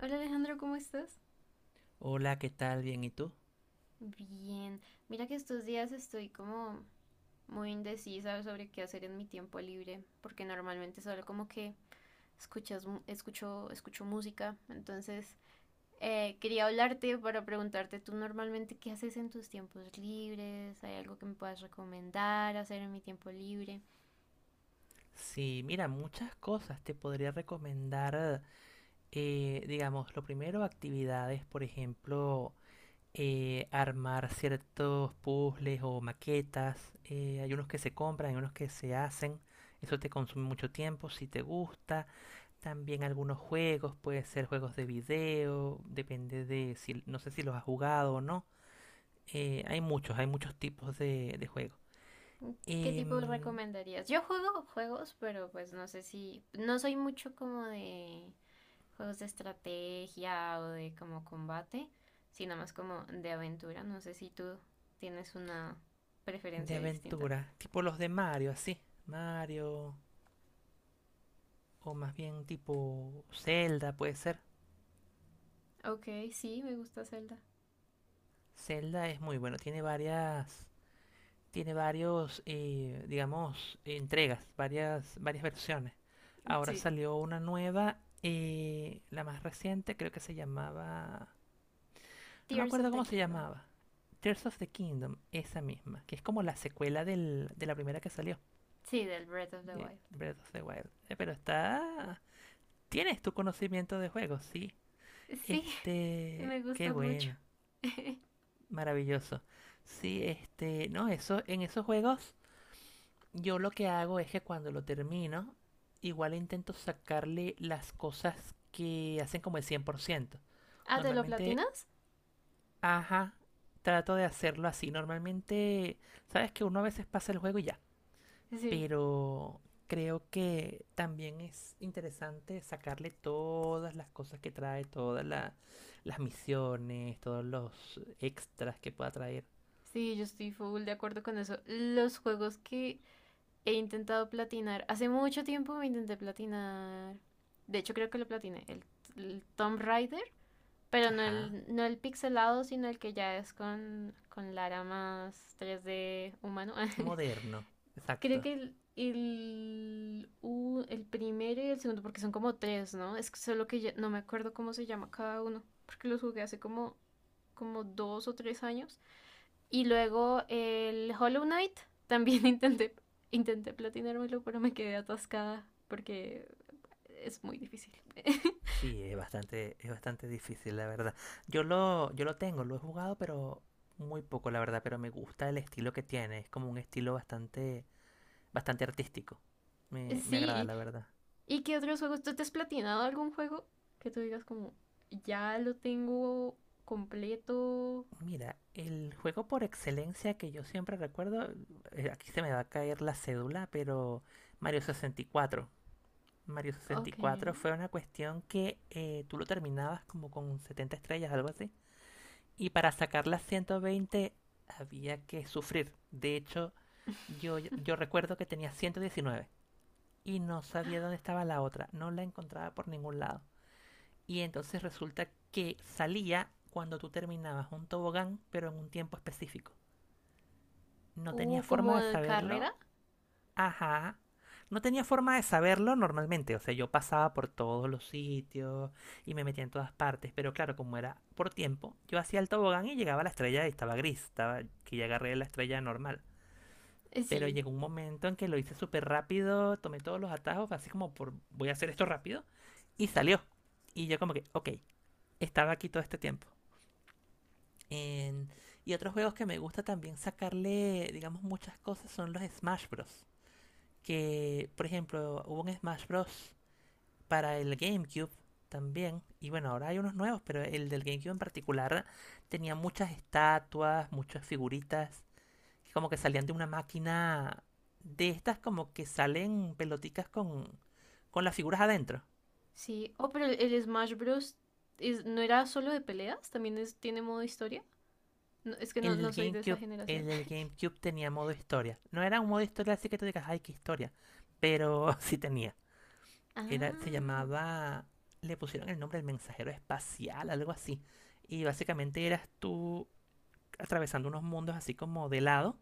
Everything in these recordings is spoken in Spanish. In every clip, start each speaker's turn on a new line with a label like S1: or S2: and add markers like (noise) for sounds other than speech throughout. S1: Hola Alejandro, ¿cómo estás?
S2: Hola, ¿qué tal? Bien, ¿y tú?
S1: Bien. Mira que estos días estoy como muy indecisa sobre qué hacer en mi tiempo libre, porque normalmente solo como que escucho música. Entonces, quería hablarte para preguntarte tú normalmente qué haces en tus tiempos libres, ¿hay algo que me puedas recomendar hacer en mi tiempo libre?
S2: Sí, mira, muchas cosas te podría recomendar. Digamos, lo primero, actividades, por ejemplo, armar ciertos puzzles o maquetas. Hay unos que se compran, hay unos que se hacen. Eso te consume mucho tiempo, si te gusta. También algunos juegos, puede ser juegos de video, depende de si, no sé si los has jugado o no. Hay muchos tipos de juegos.
S1: ¿Qué tipo
S2: Em,
S1: recomendarías? Yo juego juegos, pero pues no sé si, no soy mucho como de juegos de estrategia o de como combate, sino más como de aventura. No sé si tú tienes una
S2: de
S1: preferencia distinta.
S2: aventura, tipo los de Mario, así. Mario, o más bien tipo Zelda, puede ser.
S1: Ok, sí, me gusta Zelda.
S2: Zelda es muy bueno, tiene varios, digamos, entregas, varias versiones. Ahora
S1: Sí,
S2: salió una nueva, la más reciente, creo que se llamaba, no me
S1: Tears of
S2: acuerdo
S1: the
S2: cómo se
S1: Kingdom.
S2: llamaba. Tears of the Kingdom, esa misma, que es como la secuela de la primera que salió,
S1: Sí, del Breath of the
S2: de
S1: Wild.
S2: Breath of the Wild. Pero está... Tienes tu conocimiento de juegos, sí.
S1: Sí, (laughs)
S2: Este,
S1: me
S2: qué
S1: gustan mucho.
S2: bueno,
S1: (laughs)
S2: maravilloso. Sí, este, no, eso, en esos juegos yo lo que hago es que cuando lo termino, igual intento sacarle las cosas que hacen como el 100%.
S1: Ah, ¿te lo
S2: Normalmente,
S1: platinas?
S2: ajá, trato de hacerlo así. Normalmente, sabes que uno a veces pasa el juego y ya.
S1: Sí.
S2: Pero creo que también es interesante sacarle todas las cosas que trae, las misiones, todos los extras que pueda traer.
S1: Sí, yo estoy full de acuerdo con eso. Los juegos que he intentado platinar. Hace mucho tiempo me intenté platinar. De hecho, creo que lo platiné. El Tomb Raider. Pero no
S2: Ajá,
S1: el, no el pixelado, sino el que ya es con Lara más 3D humano. (laughs)
S2: moderno,
S1: Creo
S2: exacto.
S1: que el primero y el segundo, porque son como tres, ¿no? Es solo que no me acuerdo cómo se llama cada uno. Porque los jugué hace como dos o tres años. Y luego el Hollow Knight, (laughs) también intenté platinármelo, pero me quedé atascada porque es muy difícil. (laughs)
S2: Sí, es bastante difícil, la verdad. Yo lo tengo, lo he jugado, pero muy poco, la verdad, pero me gusta el estilo que tiene. Es como un estilo bastante, bastante artístico. Me agrada,
S1: Sí.
S2: la verdad.
S1: ¿Y qué otros juegos? ¿Tú te has platinado algún juego que tú digas como, ya lo tengo completo?
S2: Mira, el juego por excelencia que yo siempre recuerdo, aquí se me va a caer la cédula, pero Mario 64, Mario sesenta y
S1: Ok.
S2: cuatro fue una cuestión que tú lo terminabas como con 70 estrellas, algo así. Y para sacar las 120 había que sufrir. De hecho,
S1: (laughs)
S2: yo recuerdo que tenía 119 y no sabía dónde estaba la otra. No la encontraba por ningún lado. Y entonces resulta que salía cuando tú terminabas un tobogán, pero en un tiempo específico. No tenía
S1: Uh,
S2: forma
S1: como
S2: de
S1: de
S2: saberlo.
S1: carrera.
S2: Ajá. No tenía forma de saberlo normalmente. O sea, yo pasaba por todos los sitios y me metía en todas partes. Pero claro, como era por tiempo, yo hacía el tobogán y llegaba a la estrella y estaba gris. Estaba que ya agarré la estrella normal. Pero
S1: Sí,
S2: llegó un momento en que lo hice súper rápido, tomé todos los atajos, así como por voy a hacer esto rápido. Y salió. Y yo como que, ok, estaba aquí todo este tiempo. En- Y otros juegos que me gusta también sacarle, digamos, muchas cosas son los Smash Bros. Que, por ejemplo, hubo un Smash Bros. Para el GameCube también. Y bueno, ahora hay unos nuevos, pero el del GameCube en particular tenía muchas estatuas, muchas figuritas, que como que salían de una máquina de estas como que salen peloticas con las figuras adentro.
S1: sí. Oh, pero el Smash Bros. No era solo de peleas, tiene modo historia. No, es que no,
S2: El
S1: no
S2: del
S1: soy de esa
S2: GameCube, el
S1: generación.
S2: del GameCube tenía modo historia. No era un modo historia así que tú digas, ay, qué historia. Pero (laughs) sí tenía.
S1: (laughs) Ah.
S2: Era, se llamaba, le pusieron el nombre del mensajero espacial, algo así. Y básicamente eras tú atravesando unos mundos así como de lado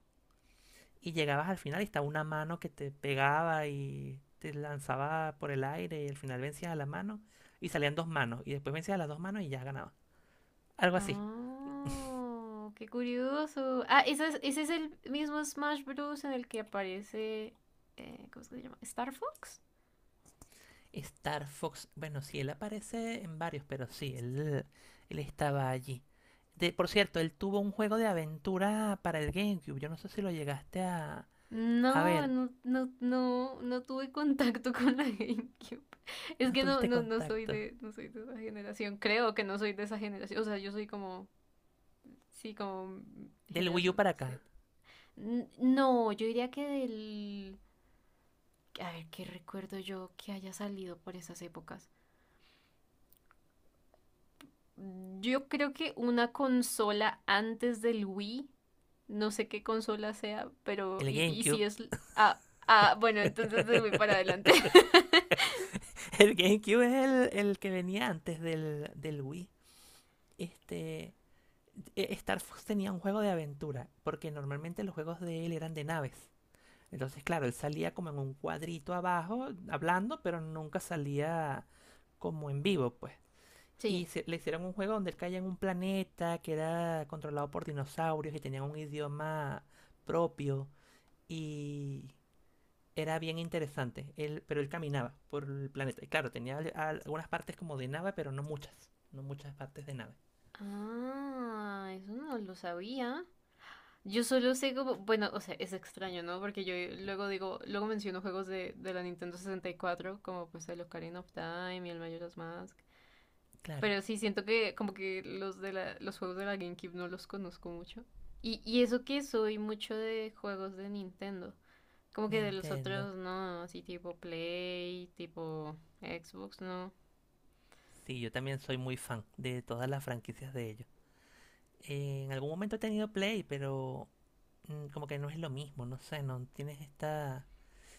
S2: y llegabas al final y estaba una mano que te pegaba y te lanzaba por el aire y al final vencías a la mano y salían dos manos y después vencías a las dos manos y ya ganabas. Algo así.
S1: ¡Oh! Qué curioso. Ah, ese es el mismo Smash Bros. En el que aparece, ¿cómo es que se llama? ¿Star Fox?
S2: Star Fox, bueno, sí, él aparece en varios, pero sí, él estaba allí. De, por cierto, él tuvo un juego de aventura para el GameCube. Yo no sé si lo llegaste a... A
S1: No,
S2: ver,
S1: no, no, no, no tuve contacto (laughs) con la GameCube. Es
S2: no
S1: que
S2: tuviste
S1: no soy
S2: contacto.
S1: de, no soy de esa generación. Creo que no soy de esa generación. O sea, yo soy como, sí, como
S2: Del Wii U
S1: generación
S2: para
S1: Z.
S2: acá.
S1: No, yo diría que del. A ver, ¿qué recuerdo yo que haya salido por esas épocas? Yo creo que una consola antes del Wii, no sé qué consola sea, pero
S2: El
S1: y si
S2: GameCube.
S1: es. Ah, ah, bueno, entonces del Wii para adelante.
S2: (laughs)
S1: (laughs)
S2: El GameCube es el que venía antes del Wii. Este. Star Fox tenía un juego de aventura, porque normalmente los juegos de él eran de naves. Entonces, claro, él salía como en un cuadrito abajo, hablando, pero nunca salía como en vivo, pues.
S1: Sí.
S2: Y le hicieron un juego donde él caía en un planeta que era controlado por dinosaurios y tenía un idioma propio. Y era bien interesante. Él, pero él caminaba por el planeta. Y claro, tenía algunas partes como de nave, pero no muchas. No muchas partes de nave.
S1: Ah, eso no lo sabía. Yo solo sé como, bueno, o sea, es extraño, ¿no? Porque yo luego digo, luego menciono juegos de, la Nintendo 64 como pues el Ocarina of Time y el Majora's Mask.
S2: Claro,
S1: Pero sí, siento que como que los juegos de la GameCube no los conozco mucho. Y eso que soy mucho de juegos de Nintendo. Como que de los
S2: Nintendo.
S1: otros no, así tipo Play, tipo Xbox, no.
S2: Sí, yo también soy muy fan de todas las franquicias de ellos. En algún momento he tenido Play, pero como que no es lo mismo, no sé, no tienes esta...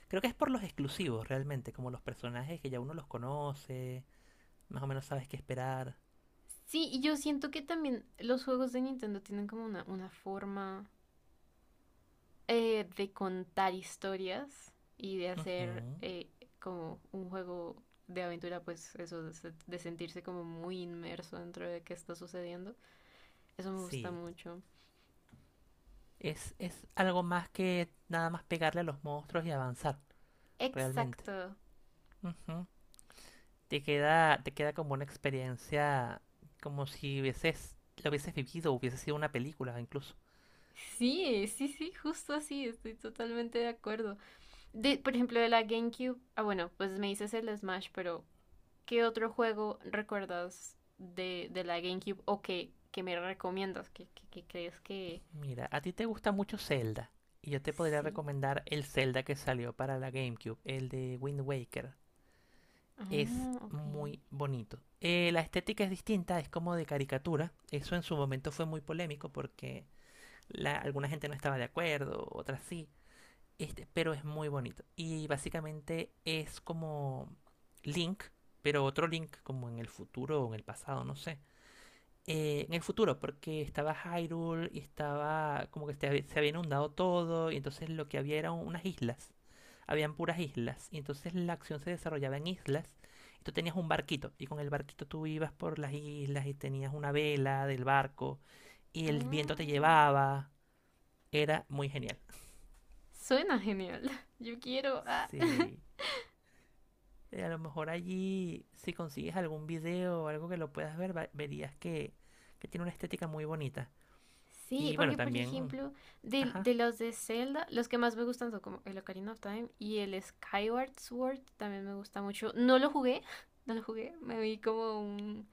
S2: Creo que es por los exclusivos realmente, como los personajes que ya uno los conoce, más o menos sabes qué esperar.
S1: Sí, y yo siento que también los juegos de Nintendo tienen como una forma de contar historias y de hacer
S2: Ujú.
S1: como un juego de aventura, pues eso, de sentirse como muy inmerso dentro de qué está sucediendo. Eso me gusta
S2: Sí,
S1: mucho.
S2: es algo más que nada más pegarle a los monstruos y avanzar. Realmente.
S1: Exacto.
S2: Ujú. Te queda como una experiencia, como si lo hubieses vivido, hubiese sido una película incluso.
S1: Sí, sí, sí, justo así, estoy totalmente de acuerdo. De, por ejemplo, de la GameCube, ah, bueno, pues me dices el Smash, pero ¿qué otro juego recuerdas de, la GameCube o que me recomiendas? ¿Que crees que
S2: Mira, a ti te gusta mucho Zelda, y yo te podría
S1: sí?
S2: recomendar el Zelda que salió para la GameCube, el de Wind Waker. Es
S1: Ah, ok.
S2: muy bonito. La estética es distinta, es como de caricatura. Eso en su momento fue muy polémico porque alguna gente no estaba de acuerdo, otras sí. Este, pero es muy bonito. Y básicamente es como Link, pero otro Link, como en el futuro o en el pasado, no sé. En el futuro, porque estaba Hyrule y estaba como que se había inundado todo, y entonces lo que había eran unas islas. Habían puras islas, y entonces la acción se desarrollaba en islas. Y tú tenías un barquito, y con el barquito tú ibas por las islas y tenías una vela del barco, y el viento
S1: Ah,
S2: te llevaba. Era muy genial.
S1: suena genial. (laughs) Yo quiero. Ah. (laughs)
S2: Sí. A lo mejor allí, si consigues algún video o algo que lo puedas ver, verías que tiene una estética muy bonita.
S1: Sí,
S2: Y bueno,
S1: porque por
S2: también...
S1: ejemplo, de,
S2: Ajá.
S1: de los de Zelda, los que más me gustan son como el Ocarina of Time y el Skyward Sword también me gusta mucho. No lo jugué, (laughs) no lo jugué, me vi como un,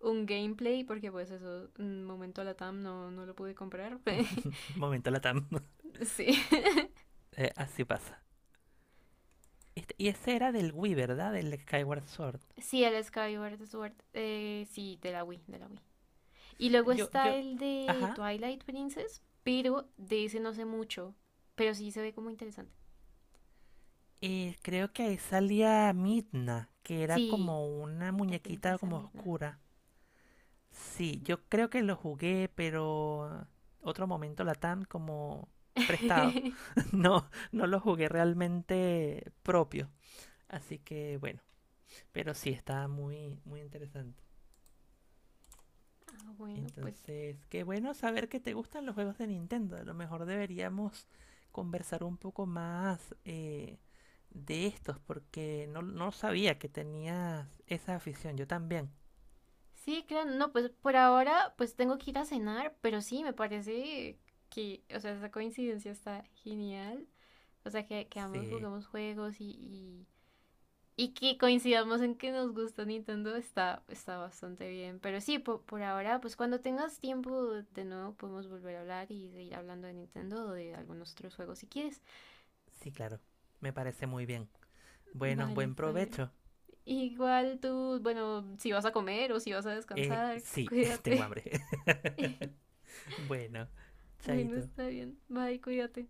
S1: un gameplay porque pues eso, un momento la TAM no lo pude comprar. (laughs)
S2: (laughs) Momento Latam. (laughs)
S1: Sí, (laughs)
S2: Así pasa. Y ese era del Wii, ¿verdad? Del Skyward Sword.
S1: sí, el Skyward Sword, sí, de la Wii, de la Wii. Y luego
S2: Yo,
S1: está
S2: yo...
S1: el de
S2: Ajá.
S1: Twilight Princess, pero de ese no sé mucho, pero sí se ve como interesante.
S2: Creo que ahí salía Midna, que era
S1: Sí,
S2: como una
S1: la
S2: muñequita
S1: princesa
S2: como
S1: Midna.
S2: oscura. Sí,
S1: Sí.
S2: yo creo que lo jugué, pero otro momento Latam como prestado.
S1: (laughs)
S2: (laughs) No, no lo jugué realmente propio. Así que bueno, pero sí está muy, muy interesante.
S1: Ah, bueno, pues
S2: Entonces, qué bueno saber que te gustan los juegos de Nintendo. A lo mejor deberíamos conversar un poco más de estos, porque no, no sabía que tenías esa afición. Yo también.
S1: sí, claro, no, pues por ahora pues tengo que ir a cenar, pero sí, me parece que, o sea, esa coincidencia está genial. O sea, que ambos
S2: Sí,
S1: jugamos juegos y que coincidamos en que nos gusta Nintendo está bastante bien. Pero sí, por ahora, pues cuando tengas tiempo de nuevo podemos volver a hablar y seguir hablando de Nintendo o de algunos otros juegos si quieres.
S2: sí, claro. Me parece muy bien. Bueno,
S1: Vale,
S2: buen
S1: está bien.
S2: provecho.
S1: Igual tú, bueno, si vas a comer o si vas a descansar,
S2: Sí, (laughs) tengo
S1: cuídate.
S2: hambre.
S1: (laughs)
S2: (laughs) Bueno,
S1: Bueno,
S2: chaito.
S1: está bien. Bye, cuídate.